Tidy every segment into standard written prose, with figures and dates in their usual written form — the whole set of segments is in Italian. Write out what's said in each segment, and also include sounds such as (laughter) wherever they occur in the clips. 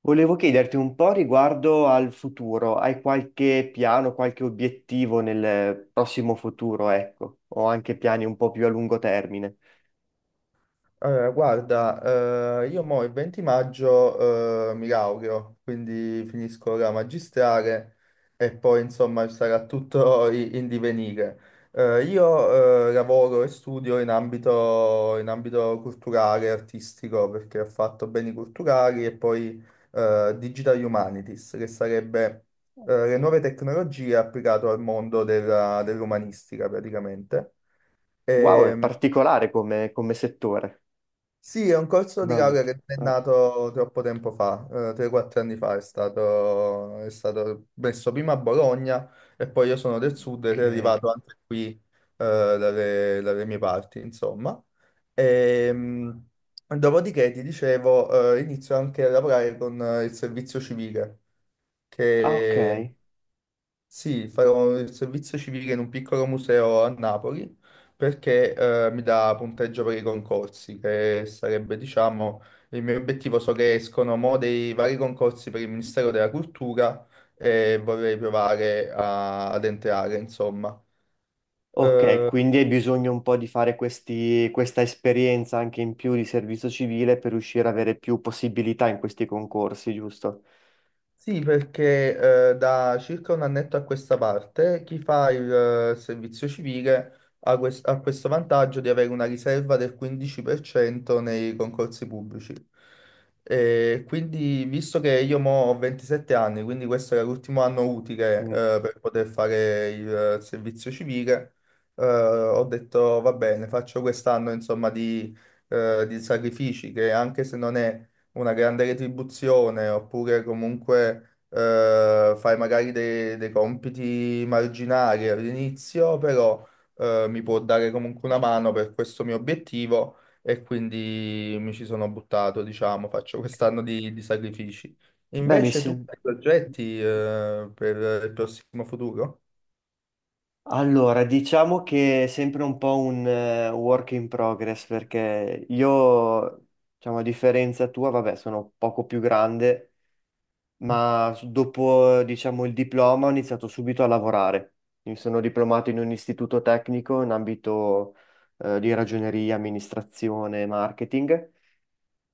Volevo chiederti un po' riguardo al futuro. Hai qualche piano, qualche obiettivo nel prossimo futuro, ecco, o anche piani un po' più a lungo termine? Allora, guarda, io mo il 20 maggio mi laureo, quindi finisco la magistrale e poi insomma sarà tutto in divenire. Io lavoro e studio in ambito, culturale, artistico, perché ho fatto beni culturali e poi Digital Humanities, che sarebbe le nuove tecnologie applicate al mondo dell'umanistica praticamente. Wow, è Ehm, particolare come settore, sì, è un corso come di laurea ambito. che non è Ah, nato troppo tempo fa, 3-4 anni fa, è stato messo prima a Bologna e poi io sono del sud ed è ok. arrivato anche qui, dalle mie parti, insomma. Ehm, dopodiché, ti dicevo, inizio anche a lavorare con il servizio civile, Ah, ok. che sì, farò il servizio civile in un piccolo museo a Napoli perché mi dà punteggio per i concorsi, che sarebbe, diciamo, il mio obiettivo. So che escono mo dei vari concorsi per il Ministero della Cultura e vorrei provare ad entrare, insomma. Ok, Eh, quindi hai bisogno un po' di fare questa esperienza anche in più di servizio civile per riuscire ad avere più possibilità in questi concorsi, giusto? Sì, perché da circa un annetto a questa parte chi fa il servizio civile ha questo vantaggio di avere una riserva del 15% nei concorsi pubblici. E quindi, visto che io mo ho 27 anni, quindi questo era l'ultimo anno utile Mm. Per poter fare il servizio civile, ho detto va bene, faccio quest'anno insomma di sacrifici che anche se non è una grande retribuzione, oppure comunque fai magari dei compiti marginali all'inizio, però mi può dare comunque una mano per questo mio obiettivo e quindi mi ci sono buttato, diciamo, faccio quest'anno di sacrifici. Beh, mi Invece tu sembra. hai progetti per il prossimo futuro? Allora, diciamo che è sempre un po' un work in progress perché io, diciamo, a differenza tua, vabbè, sono poco più grande, Mm, ma dopo, diciamo, il diploma ho iniziato subito a lavorare. Mi sono diplomato in un istituto tecnico in ambito di ragioneria, amministrazione, marketing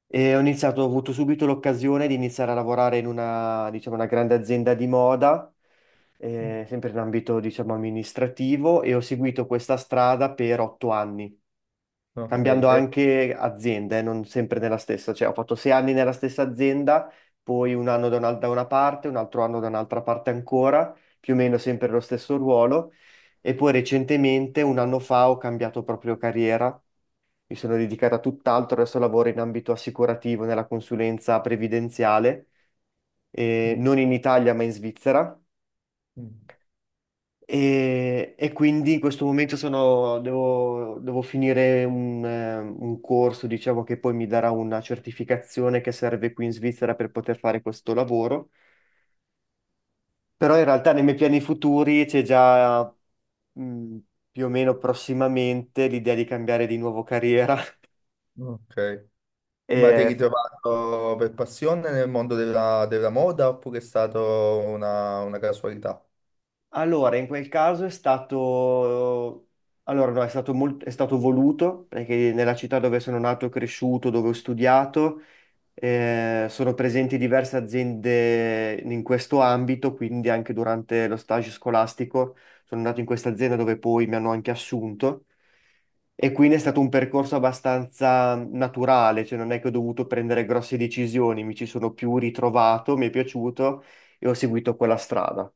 e ho iniziato, ho avuto subito l'occasione di iniziare a lavorare in una, diciamo, una grande azienda di moda mm. Sempre in ambito, diciamo, amministrativo e ho seguito questa strada per 8 anni, Ok, cambiando anche azienda, non sempre nella stessa, cioè ho fatto 6 anni nella stessa azienda, poi un anno da una parte, un altro anno da un'altra parte ancora, più o meno sempre lo stesso ruolo e poi recentemente, un anno fa, ho cambiato proprio carriera. Mi sono dedicata a tutt'altro, adesso lavoro in ambito assicurativo nella consulenza previdenziale, mm, non in Italia ma in Svizzera. E quindi in questo momento devo, devo finire un corso, diciamo, che poi mi darà una certificazione che serve qui in Svizzera per poter fare questo lavoro. Però in realtà nei miei piani futuri c'è già, mh, più o meno prossimamente l'idea di cambiare di nuovo carriera. (laughs) mm, ok. Ma ti hai E ritrovato per passione nel mondo della moda oppure è stata una casualità? allora, in quel caso è stato... Allora, no, è stato è stato voluto, perché nella città dove sono nato e cresciuto, dove ho studiato, eh, sono presenti diverse aziende in questo ambito, quindi anche durante lo stage scolastico sono andato in questa azienda dove poi mi hanno anche assunto e quindi è stato un percorso abbastanza naturale, cioè non è che ho dovuto prendere grosse decisioni, mi ci sono più ritrovato, mi è piaciuto e ho seguito quella strada.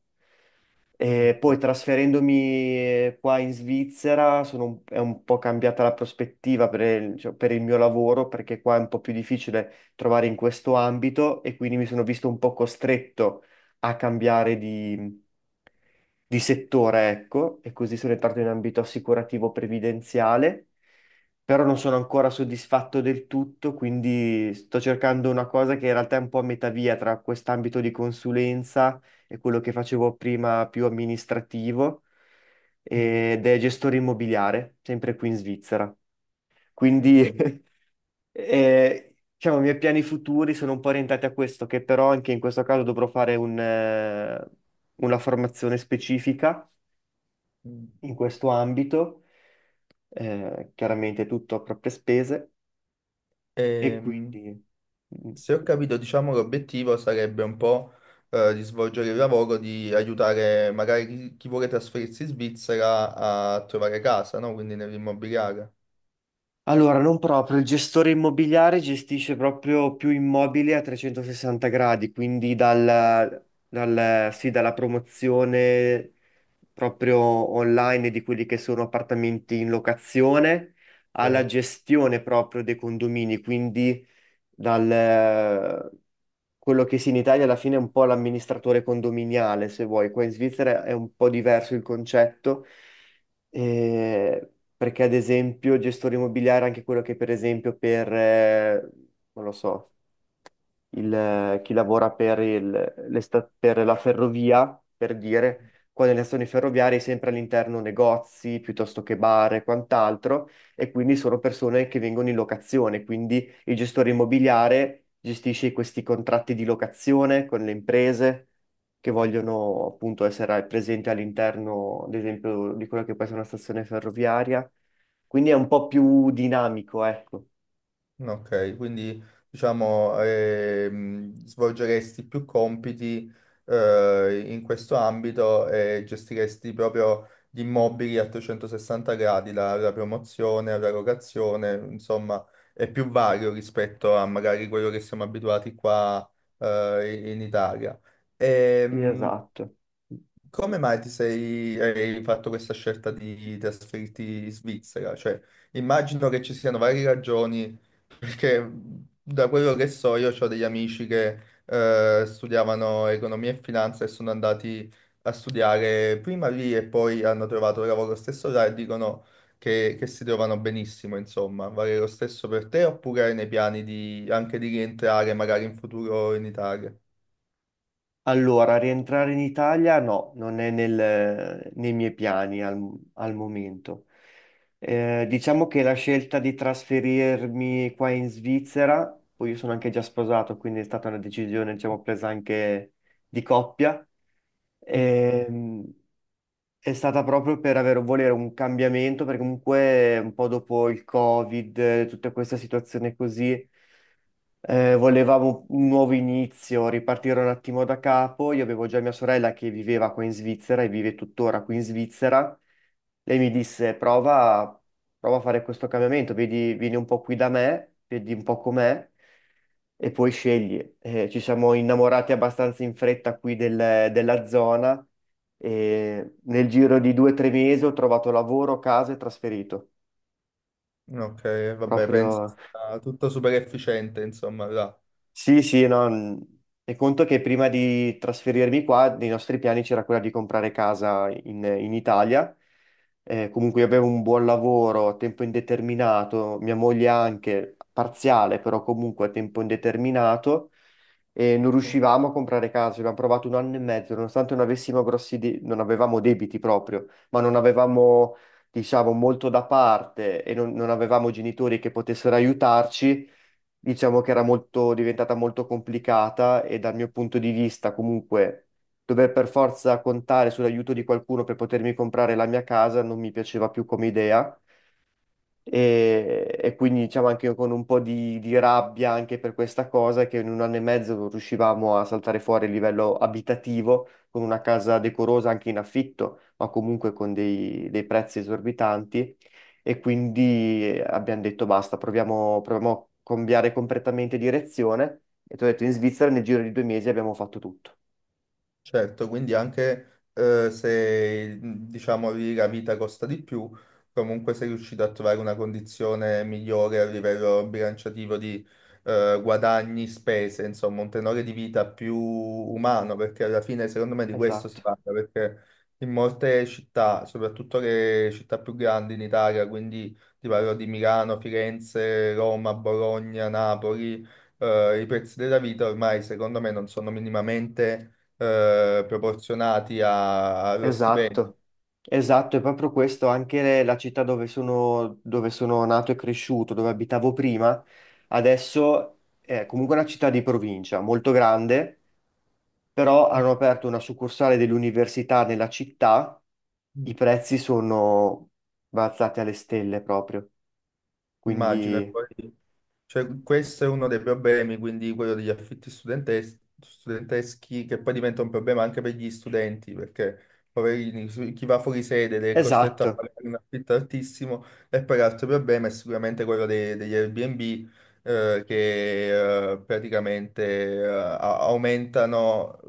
E poi trasferendomi qua in Svizzera è un po' cambiata la prospettiva per il, cioè, per il mio lavoro perché qua è un po' più difficile trovare in questo ambito e quindi mi sono visto un po' costretto a cambiare di settore, ecco, e così sono entrato in ambito assicurativo previdenziale, però non sono ancora soddisfatto del tutto, quindi sto cercando una cosa che in realtà è un po' a metà via tra quest'ambito di consulenza è quello che facevo prima più amministrativo Mm, ed è gestore immobiliare, sempre qui in Svizzera. ho Quindi capito. (laughs) Diciamo, i miei piani futuri sono un po' orientati a questo, che però anche in questo caso dovrò fare una formazione specifica Mm. in questo ambito, chiaramente tutto a proprie spese e Ehm, quindi... mm. se ho capito, diciamo, l'obiettivo sarebbe un po' di svolgere il lavoro, di aiutare magari chi vuole trasferirsi in Svizzera a trovare casa, no? Quindi nell'immobiliare. Allora, non proprio, il gestore immobiliare gestisce proprio più immobili a 360 gradi, quindi sì, dalla promozione proprio online di quelli che sono appartamenti in locazione alla Ok. gestione proprio dei condomini, quindi dal, quello che sì, in Italia alla fine è un po' l'amministratore condominiale, se vuoi, qua in Svizzera è un po' diverso il concetto, eh, perché ad esempio il gestore immobiliare è anche quello che per esempio per, non lo so, chi lavora per per la ferrovia, per dire, qua nelle stazioni ferroviarie è sempre all'interno negozi piuttosto che bar e quant'altro, e quindi sono persone che vengono in locazione, quindi il gestore immobiliare gestisce questi contratti di locazione con le imprese che vogliono appunto essere presenti all'interno, ad esempio, di quella che può essere una stazione ferroviaria. Quindi è un po' più dinamico, ecco. Ok, quindi diciamo svolgeresti più compiti in questo ambito e gestiresti proprio gli immobili a 360 gradi, la promozione, la locazione, insomma, è più vario rispetto a magari quello che siamo abituati qua in Italia. Sì, Ehm, esatto. come mai hai fatto questa scelta di trasferirti in Svizzera? Cioè, immagino che ci siano varie ragioni, perché da quello che so io ho degli amici che studiavano economia e finanza e sono andati a studiare prima lì e poi hanno trovato lavoro stesso là e dicono che si trovano benissimo, insomma. Vale lo stesso per te oppure hai nei piani di, anche di rientrare magari in futuro in Italia? Allora, rientrare in Italia no, non è nel- nei miei piani al momento. Diciamo che la scelta di trasferirmi qua in Svizzera, poi io sono anche già sposato, quindi è stata una decisione, diciamo, presa anche di coppia, Ok. ehm, è stata proprio per avere, volere un cambiamento, perché comunque un po' dopo il Covid, tutta questa situazione così. Volevamo un nuovo inizio, ripartire un attimo da capo. Io avevo già mia sorella che viveva qua in Svizzera e vive tuttora qui in Svizzera. Lei mi disse: prova, prova a fare questo cambiamento, vedi, vieni un po' qui da me, vedi un po' com'è e poi scegli. Ci siamo innamorati abbastanza in fretta qui della zona e nel giro di 2 o 3 mesi ho trovato lavoro, casa e trasferito. Ok, vabbè, penso Proprio. sia tutto super efficiente, insomma, là. Sì, sì, no, e conto che prima di trasferirmi qua, nei nostri piani c'era quella di comprare casa in Italia. Comunque io avevo un buon lavoro a tempo indeterminato, mia moglie anche, parziale, però comunque a tempo indeterminato, e non riuscivamo a comprare casa. Abbiamo provato un anno e mezzo, nonostante non avessimo grossi de- non avevamo debiti proprio, ma non avevamo, diciamo, molto da parte e non avevamo genitori che potessero aiutarci, diciamo che era molto, diventata molto complicata e dal mio punto di vista comunque dover per forza contare sull'aiuto di qualcuno per potermi comprare la mia casa non mi piaceva più come idea e quindi diciamo anche io con un po' di rabbia anche per questa cosa che in un anno e mezzo non riuscivamo a saltare fuori a livello abitativo con una casa decorosa anche in affitto, ma comunque con dei prezzi esorbitanti e quindi abbiamo detto basta, proviamo, proviamo a cambiare completamente direzione e ti ho detto in Svizzera nel giro di 2 mesi abbiamo fatto tutto. Certo, quindi anche se diciamo lì la vita costa di più, comunque sei riuscito a trovare una condizione migliore a livello bilanciativo di guadagni, spese, insomma, un tenore di vita più umano, perché alla fine secondo me di questo si Esatto, parla, perché in molte città, soprattutto le città più grandi in Italia, quindi ti parlo di Milano, Firenze, Roma, Bologna, Napoli, i prezzi della vita ormai secondo me non sono minimamente proporzionati allo stipendio. esatto. Esatto, è proprio questo, anche la città dove sono nato e cresciuto, dove abitavo prima, adesso è comunque una città di provincia, molto grande, però hanno aperto una succursale dell'università nella città, i Mm. prezzi sono balzati alle stelle proprio, Immagino. Quindi Cioè, questo è uno dei problemi, quindi quello degli affitti studenteschi, che poi diventa un problema anche per gli studenti, perché poverini, chi va fuori sede ed è costretto a esatto. pagare un affitto altissimo, e poi l'altro problema è sicuramente quello degli Airbnb, che praticamente aumentano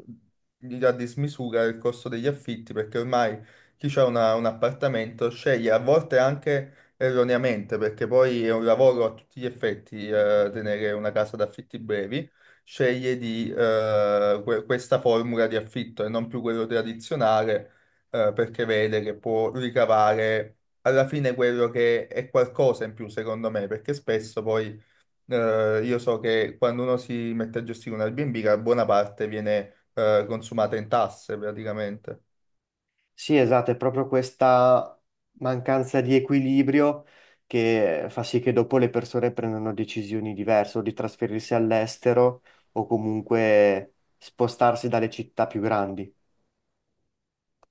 a dismisura il costo degli affitti, perché ormai chi ha un appartamento sceglie a volte anche erroneamente, perché poi è un lavoro a tutti gli effetti, tenere una casa d'affitti brevi, sceglie di questa formula di affitto e non più quello tradizionale, perché vede che può ricavare alla fine quello che è qualcosa in più, secondo me, perché spesso poi, io so che quando uno si mette a gestire un Airbnb, la buona parte viene, consumata in tasse praticamente. Sì, esatto, è proprio questa mancanza di equilibrio che fa sì che dopo le persone prendano decisioni diverse, o di trasferirsi all'estero o comunque spostarsi dalle città più grandi.